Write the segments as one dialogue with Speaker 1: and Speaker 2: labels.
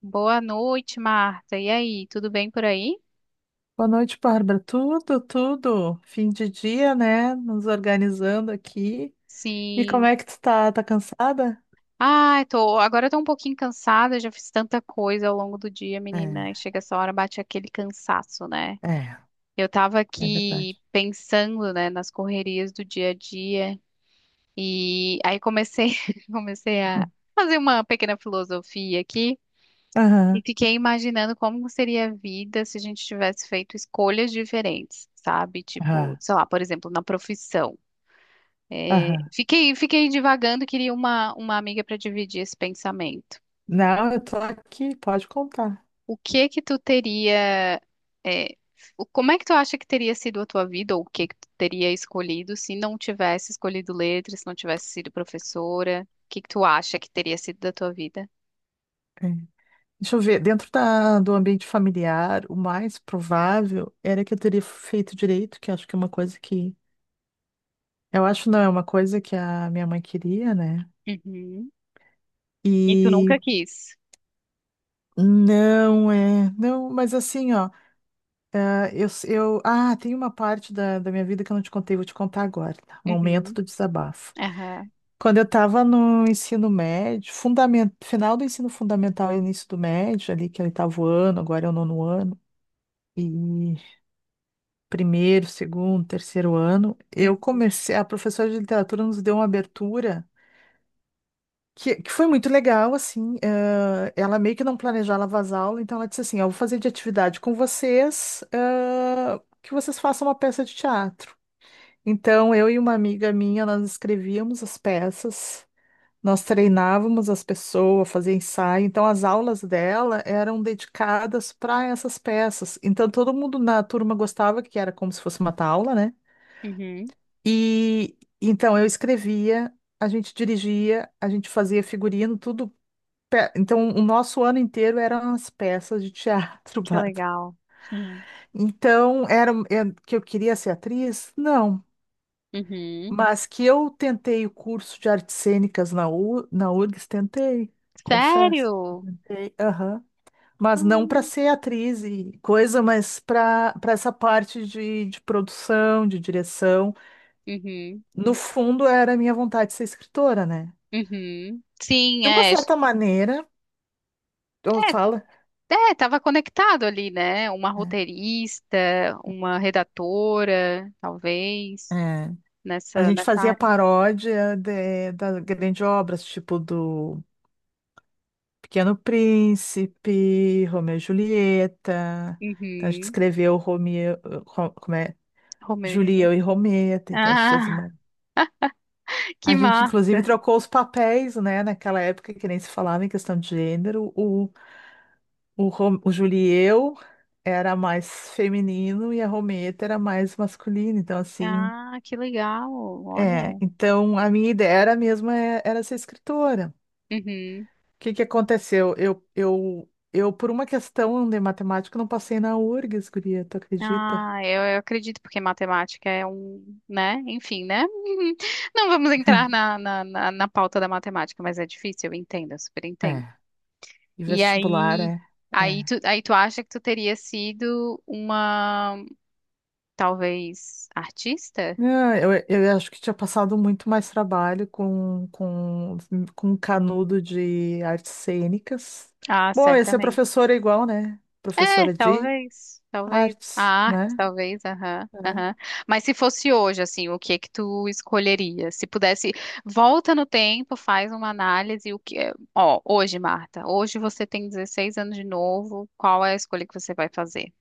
Speaker 1: Boa noite, Marta. E aí, tudo bem por aí?
Speaker 2: Boa noite, Bárbara. Tudo, tudo. Fim de dia, né? Nos organizando aqui. E como
Speaker 1: Sim.
Speaker 2: é que tu tá? Tá cansada?
Speaker 1: Ai, tô, agora eu tô um pouquinho cansada, já fiz tanta coisa ao longo do dia, menina. E
Speaker 2: É,
Speaker 1: chega essa hora, bate aquele cansaço, né?
Speaker 2: é,
Speaker 1: Eu tava
Speaker 2: É
Speaker 1: aqui
Speaker 2: verdade.
Speaker 1: pensando, né, nas correrias do dia a dia e aí comecei, comecei a
Speaker 2: Hum.
Speaker 1: fazer uma pequena filosofia aqui e
Speaker 2: Aham,
Speaker 1: fiquei imaginando como seria a vida se a gente tivesse feito escolhas diferentes, sabe? Tipo,
Speaker 2: aham,
Speaker 1: sei lá, por exemplo, na profissão.
Speaker 2: aham.
Speaker 1: Fiquei, fiquei divagando, queria uma amiga para dividir esse pensamento.
Speaker 2: Não, eu tô aqui, pode contar.
Speaker 1: O que que tu teria, é, como é que tu acha que teria sido a tua vida, ou o que que tu teria escolhido se não tivesse escolhido letras, se não tivesse sido professora? O que que tu acha que teria sido da tua vida?
Speaker 2: É. Deixa eu ver, dentro do ambiente familiar, o mais provável era que eu teria feito direito, que eu acho que é uma coisa que. Eu acho não, é uma coisa que a minha mãe queria, né?
Speaker 1: Uhum. E tu
Speaker 2: E
Speaker 1: nunca quis.
Speaker 2: não é. Não, mas assim, ó. Ah, ah, tem uma parte da minha vida que eu não te contei, vou te contar agora, tá? Momento
Speaker 1: Uhum.
Speaker 2: do desabafo.
Speaker 1: Aham.
Speaker 2: Quando eu estava no ensino médio, final do ensino fundamental e início do médio, ali que é o oitavo ano, agora é o nono ano, e primeiro, segundo, terceiro ano, eu
Speaker 1: Uhum.
Speaker 2: comecei, a professora de literatura nos deu uma abertura que foi muito legal, assim, ah, ela meio que não planejava as aulas, então ela disse assim, ó, eu vou fazer de atividade com vocês, ah, que vocês façam uma peça de teatro. Então, eu e uma amiga minha, nós escrevíamos as peças, nós treinávamos as pessoas a fazer ensaio. Então, as aulas dela eram dedicadas para essas peças. Então, todo mundo na turma gostava, que era como se fosse uma aula, né?
Speaker 1: Uhum.
Speaker 2: E então, eu escrevia, a gente dirigia, a gente fazia figurino, tudo. Então, o nosso ano inteiro eram as peças de teatro,
Speaker 1: Que
Speaker 2: Bárbara.
Speaker 1: legal. Uhum.
Speaker 2: Então, era é, que eu queria ser atriz? Não.
Speaker 1: Uhum.
Speaker 2: Mas que eu tentei o curso de artes cênicas na URGS, tentei, confesso,
Speaker 1: Sério?
Speaker 2: tentei, aham. Mas não para
Speaker 1: Hum.
Speaker 2: ser atriz e coisa, mas para essa parte de produção, de direção.
Speaker 1: Uhum.
Speaker 2: No fundo, era a minha vontade de ser escritora, né?
Speaker 1: Uhum. Sim,
Speaker 2: De uma
Speaker 1: é.
Speaker 2: certa maneira, eu
Speaker 1: É,
Speaker 2: falo,
Speaker 1: é, estava conectado ali, né? Uma
Speaker 2: é,
Speaker 1: roteirista, uma redatora, talvez,
Speaker 2: é, a gente
Speaker 1: nessa
Speaker 2: fazia
Speaker 1: área.
Speaker 2: paródia das grandes obras, tipo do Pequeno Príncipe, Romeu e Julieta. Então a gente
Speaker 1: Uhum.
Speaker 2: escreveu Romeu, como é?
Speaker 1: Romeu e Julieta.
Speaker 2: Julieu e Rometa. Então a gente fez
Speaker 1: Ah,
Speaker 2: uma.
Speaker 1: que
Speaker 2: A gente,
Speaker 1: massa.
Speaker 2: inclusive, trocou os papéis, né? Naquela época que nem se falava em questão de gênero. O Julieu era mais feminino e a Rometa era mais masculina. Então, assim.
Speaker 1: Ah, que legal.
Speaker 2: É,
Speaker 1: Olha.
Speaker 2: então a minha ideia era mesmo era ser escritora.
Speaker 1: Uhum.
Speaker 2: Que aconteceu? Eu, por uma questão de matemática, não passei na URGS, guria, tu acredita?
Speaker 1: Ah, eu acredito, porque matemática é um, né? Enfim, né? Uhum. Não vamos entrar na pauta da matemática, mas é difícil, eu entendo, eu super
Speaker 2: É,
Speaker 1: entendo.
Speaker 2: e
Speaker 1: E
Speaker 2: vestibular,
Speaker 1: aí,
Speaker 2: é.
Speaker 1: aí tu acha que tu teria sido uma. Talvez artista?
Speaker 2: Não, eu acho que tinha passado muito mais trabalho com canudo de artes cênicas.
Speaker 1: Ah,
Speaker 2: Bom, ia ser
Speaker 1: certamente.
Speaker 2: professora igual, né?
Speaker 1: É,
Speaker 2: Professora de
Speaker 1: talvez.
Speaker 2: artes,
Speaker 1: A arte,
Speaker 2: né?
Speaker 1: talvez, aham, aham. Mas se fosse hoje, assim, o que é que tu escolheria? Se pudesse, volta no tempo, faz uma análise, o que é... Ó, hoje, Marta, hoje você tem 16 anos de novo, qual é a escolha que você vai fazer?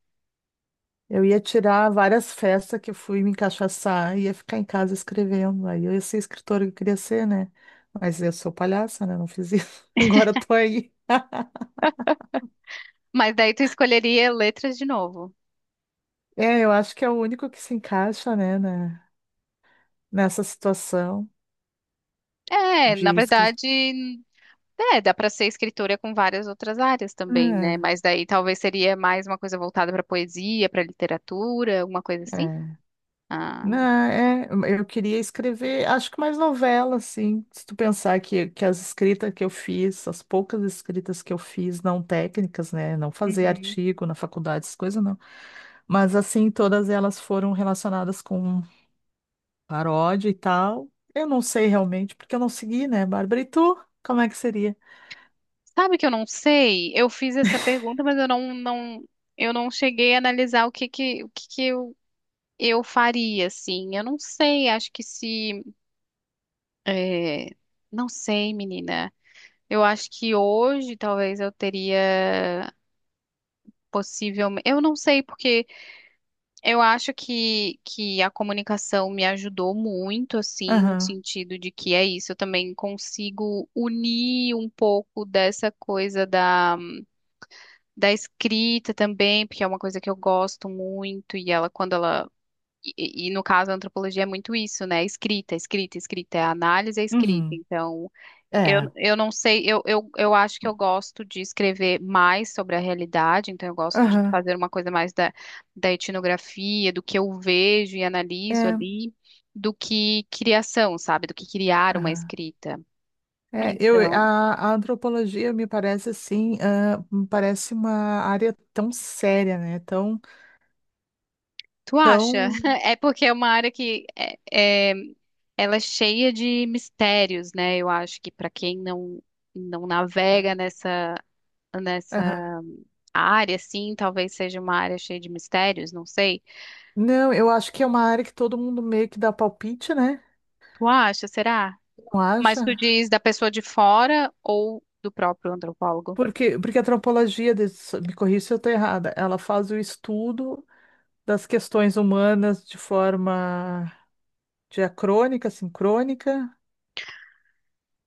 Speaker 2: Eu ia tirar várias festas que eu fui me encaixaçar, ia ficar em casa escrevendo. Aí eu ia ser escritora que eu queria ser, né? Mas eu sou palhaça, né? Não fiz isso. Agora tô aí.
Speaker 1: Mas daí tu escolheria letras de novo.
Speaker 2: É, eu acho que é o único que se encaixa, né, nessa situação
Speaker 1: É, na
Speaker 2: de escrita.
Speaker 1: verdade, é, dá para ser escritora com várias outras áreas também, né?
Speaker 2: É,
Speaker 1: Mas daí talvez seria mais uma coisa voltada para poesia, para literatura, alguma coisa assim.
Speaker 2: É.
Speaker 1: Ah,
Speaker 2: Não, é, eu queria escrever, acho que mais novela, assim. Se tu pensar que as escritas que eu fiz, as poucas escritas que eu fiz, não técnicas, né? Não fazer
Speaker 1: uhum.
Speaker 2: artigo na faculdade, essas coisas, não. Mas assim, todas elas foram relacionadas com paródia e tal. Eu não sei realmente, porque eu não segui, né, Bárbara? E tu? Como é que seria?
Speaker 1: Sabe que eu não sei? Eu fiz essa pergunta, mas eu não cheguei a analisar o que que eu faria, assim. Eu não sei, acho que se, é, não sei, menina. Eu acho que hoje talvez eu teria possivelmente, eu não sei porque eu acho que a comunicação me ajudou muito, assim, no
Speaker 2: Aham.
Speaker 1: sentido de que é isso, eu também consigo unir um pouco dessa coisa da escrita também, porque é uma coisa que eu gosto muito, e ela, quando ela. E no caso, a antropologia é muito isso, né? Escrita, escrita, escrita, é a análise, é escrita.
Speaker 2: Uhum.
Speaker 1: Então,
Speaker 2: É.
Speaker 1: eu não sei, eu acho que eu gosto de escrever mais sobre a realidade, então eu gosto de
Speaker 2: Aham.
Speaker 1: fazer uma coisa mais da etnografia, do que eu vejo e analiso
Speaker 2: É.
Speaker 1: ali, do que criação, sabe? Do que criar uma
Speaker 2: Aham.
Speaker 1: escrita.
Speaker 2: É,
Speaker 1: Então,
Speaker 2: a antropologia me parece assim, ah, me parece uma área tão séria, né?
Speaker 1: tu acha?
Speaker 2: Tão.
Speaker 1: É porque é uma área que é, ela é cheia de mistérios, né? Eu acho que para quem não navega
Speaker 2: Aham.
Speaker 1: nessa área, assim, talvez seja uma área cheia de mistérios, não sei.
Speaker 2: Não, eu acho que é uma área que todo mundo meio que dá palpite, né?
Speaker 1: Tu acha? Será?
Speaker 2: Não
Speaker 1: Mas tu
Speaker 2: acha?
Speaker 1: diz da pessoa de fora ou do próprio antropólogo?
Speaker 2: Porque a antropologia, me corrija se eu estou errada, ela faz o estudo das questões humanas de forma diacrônica, sincrônica,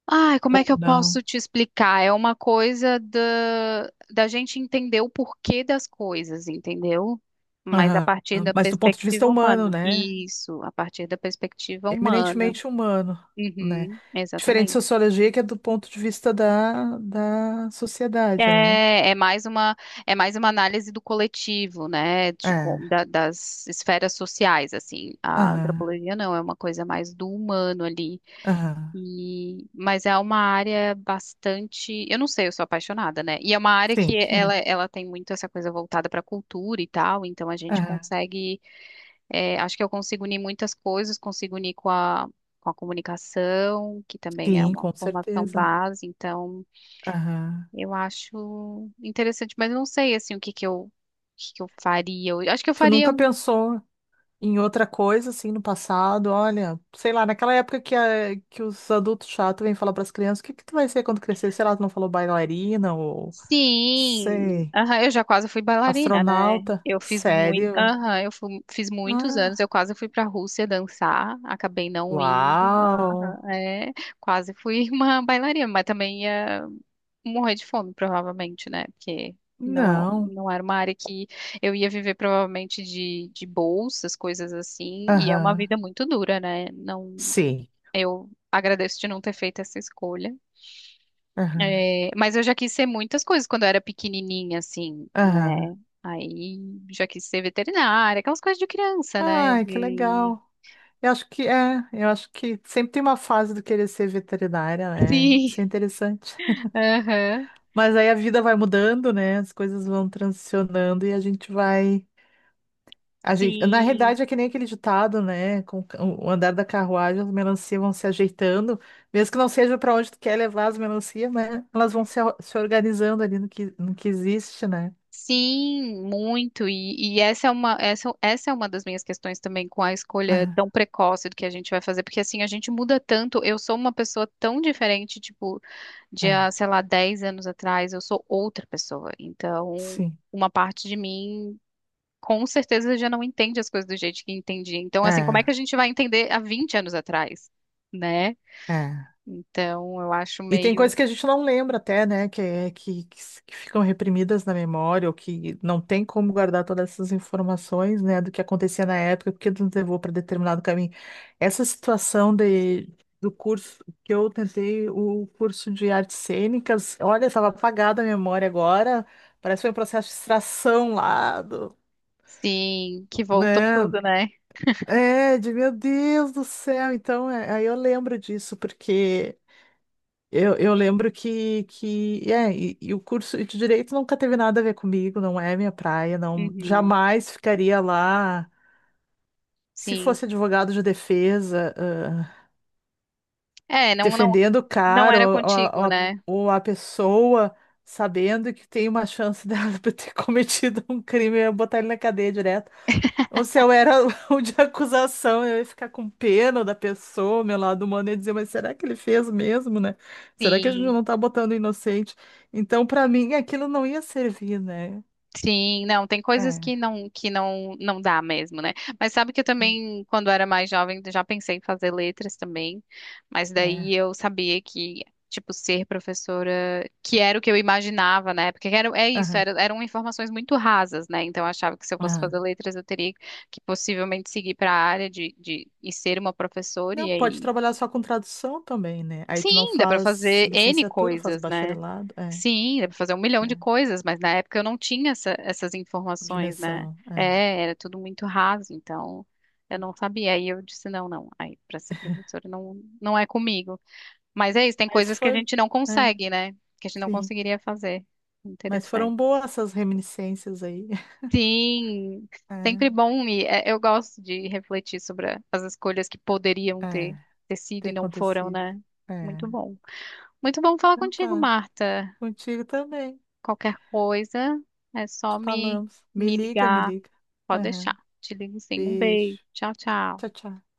Speaker 1: Ai, como é
Speaker 2: ou
Speaker 1: que eu
Speaker 2: não.
Speaker 1: posso te explicar? É uma coisa da gente entender o porquê das coisas, entendeu? Mas a
Speaker 2: Aham.
Speaker 1: partir da
Speaker 2: Mas do ponto de vista
Speaker 1: perspectiva
Speaker 2: humano,
Speaker 1: humana.
Speaker 2: né?
Speaker 1: Isso, a partir da perspectiva humana.
Speaker 2: Eminentemente humano, né?
Speaker 1: Uhum,
Speaker 2: Diferente de
Speaker 1: exatamente.
Speaker 2: sociologia, que é do ponto de vista da sociedade, né?
Speaker 1: É, é mais é mais uma análise do coletivo, né? De,
Speaker 2: É.
Speaker 1: das esferas sociais, assim. A
Speaker 2: Aham.
Speaker 1: antropologia não, é uma coisa mais do humano ali.
Speaker 2: Aham.
Speaker 1: E, mas é uma área bastante, eu não sei, eu sou apaixonada, né? E é uma área que
Speaker 2: Sim.
Speaker 1: ela tem muito essa coisa voltada para cultura e tal, então a gente
Speaker 2: Aham.
Speaker 1: consegue, é, acho que eu consigo unir muitas coisas, consigo unir com com a comunicação, que também é
Speaker 2: Sim,
Speaker 1: uma
Speaker 2: com
Speaker 1: formação
Speaker 2: certeza, né?
Speaker 1: base, então
Speaker 2: Aham.
Speaker 1: eu acho interessante, mas eu não sei assim o que que eu faria. Eu acho que eu
Speaker 2: Tu
Speaker 1: faria
Speaker 2: nunca pensou em outra coisa, assim, no passado, olha, sei lá, naquela época que os adultos chatos vêm falar para as crianças, o que que tu vai ser quando crescer? Sei lá, tu não falou bailarina ou,
Speaker 1: sim,
Speaker 2: sei,
Speaker 1: aham, eu já quase fui bailarina, né?
Speaker 2: astronauta?
Speaker 1: Eu fiz muito,
Speaker 2: Sério?
Speaker 1: aham, fiz muitos anos, eu
Speaker 2: Ah,
Speaker 1: quase fui para a Rússia dançar, acabei não indo,
Speaker 2: uau!
Speaker 1: aham, é, quase fui uma bailarina, mas também ia morrer de fome, provavelmente, né? Porque não é,
Speaker 2: Não.
Speaker 1: não era uma área que eu ia viver provavelmente de bolsas, coisas assim, e é uma vida
Speaker 2: Aham.
Speaker 1: muito dura, né? Não,
Speaker 2: Sim.
Speaker 1: eu agradeço de não ter feito essa escolha.
Speaker 2: Aham.
Speaker 1: É, mas eu já quis ser muitas coisas quando eu era pequenininha, assim,
Speaker 2: Aham.
Speaker 1: né? Aí já quis ser veterinária, aquelas coisas de criança, né?
Speaker 2: Ai, que
Speaker 1: De...
Speaker 2: legal. Eu acho que é, eu acho que sempre tem uma fase do querer ser veterinária, né?
Speaker 1: Sim,
Speaker 2: Isso é interessante.
Speaker 1: aham,
Speaker 2: Mas aí a vida vai mudando, né? As coisas vão transicionando e a gente vai. A gente... Na
Speaker 1: sim,
Speaker 2: realidade, é que nem aquele ditado, né? Com o andar da carruagem, as melancias vão se ajeitando, mesmo que não seja para onde tu quer levar as melancias, mas elas vão se organizando ali no que, no que existe, né?
Speaker 1: sim, muito. E essa é essa é uma das minhas questões também com a escolha
Speaker 2: Ah,
Speaker 1: tão precoce do que a gente vai fazer, porque assim, a gente muda tanto. Eu sou uma pessoa tão diferente, tipo, de, há,
Speaker 2: ah,
Speaker 1: sei lá, 10 anos atrás, eu sou outra pessoa. Então,
Speaker 2: sim.
Speaker 1: uma parte de mim com certeza já não entende as coisas do jeito que entendia. Então, assim, como é que
Speaker 2: É,
Speaker 1: a gente vai entender há 20 anos atrás, né?
Speaker 2: É.
Speaker 1: Então, eu acho
Speaker 2: E tem coisas
Speaker 1: meio,
Speaker 2: que a gente não lembra até, né? Que, é- que, s- Que ficam reprimidas na memória, ou que não tem como guardar todas essas informações, né? Do que acontecia na época, porque nos levou para determinado caminho. Essa situação do curso que eu tentei, o curso de artes cênicas, olha, estava apagada a memória agora. Parece que foi um processo de extração lá do.
Speaker 1: sim, que
Speaker 2: Né?
Speaker 1: voltou tudo, né?
Speaker 2: É, de meu Deus do céu. Então, é, aí eu lembro disso, porque eu lembro e o curso de direito nunca teve nada a ver comigo, não é minha praia, não
Speaker 1: Uhum,
Speaker 2: jamais ficaria lá se
Speaker 1: sim.
Speaker 2: fosse advogado de defesa, ah,
Speaker 1: É, não,
Speaker 2: defendendo o
Speaker 1: não
Speaker 2: cara
Speaker 1: era contigo, né?
Speaker 2: ou a pessoa sabendo que tem uma chance dela por ter cometido um crime e eu botar ele na cadeia direto. Ou se eu era o de acusação, eu ia ficar com pena da pessoa, meu lado humano ia dizer, mas será que ele fez mesmo, né? Será que a gente
Speaker 1: Sim.
Speaker 2: não tá botando inocente? Então, para mim, aquilo não ia servir, né?
Speaker 1: Sim, não, tem coisas
Speaker 2: É,
Speaker 1: que não não dá mesmo, né? Mas sabe que eu também, quando era mais jovem, já pensei em fazer letras também, mas daí
Speaker 2: é,
Speaker 1: eu sabia que tipo ser professora, que era o que eu imaginava, né? Porque era é isso,
Speaker 2: aham,
Speaker 1: era, eram informações muito rasas, né? Então eu achava que se eu fosse
Speaker 2: aham.
Speaker 1: fazer letras, eu teria que possivelmente seguir para a área de e ser uma professora e
Speaker 2: Não, pode
Speaker 1: aí,
Speaker 2: trabalhar só com tradução também, né? Aí tu não
Speaker 1: sim, dá para
Speaker 2: faz
Speaker 1: fazer N
Speaker 2: licenciatura, faz
Speaker 1: coisas, né?
Speaker 2: bacharelado,
Speaker 1: Sim, dá pra fazer um milhão de
Speaker 2: é,
Speaker 1: coisas, mas na época eu não tinha essas informações, né?
Speaker 2: dimensão, é.
Speaker 1: É, era tudo muito raso, então eu não sabia. Aí eu disse, não, aí para ser professora não é comigo. Mas é isso, tem
Speaker 2: Mas
Speaker 1: coisas que a
Speaker 2: foi,
Speaker 1: gente não
Speaker 2: é,
Speaker 1: consegue, né? Que a gente não
Speaker 2: sim.
Speaker 1: conseguiria fazer.
Speaker 2: Mas
Speaker 1: Interessante.
Speaker 2: foram boas essas reminiscências aí.
Speaker 1: Sim, sempre
Speaker 2: É,
Speaker 1: bom e é, eu gosto de refletir sobre as escolhas que poderiam
Speaker 2: É,
Speaker 1: ter sido
Speaker 2: ter
Speaker 1: e não foram,
Speaker 2: acontecido.
Speaker 1: né?
Speaker 2: É.
Speaker 1: Muito bom. Muito bom falar
Speaker 2: Então
Speaker 1: contigo,
Speaker 2: tá.
Speaker 1: Marta.
Speaker 2: Contigo também.
Speaker 1: Qualquer coisa, é só me,
Speaker 2: Falamos.
Speaker 1: me
Speaker 2: Me
Speaker 1: ligar.
Speaker 2: liga.
Speaker 1: Pode deixar.
Speaker 2: Aham.
Speaker 1: Te ligo sim. Um
Speaker 2: Beijo.
Speaker 1: beijo. Tchau, tchau.
Speaker 2: Tchau, tchau.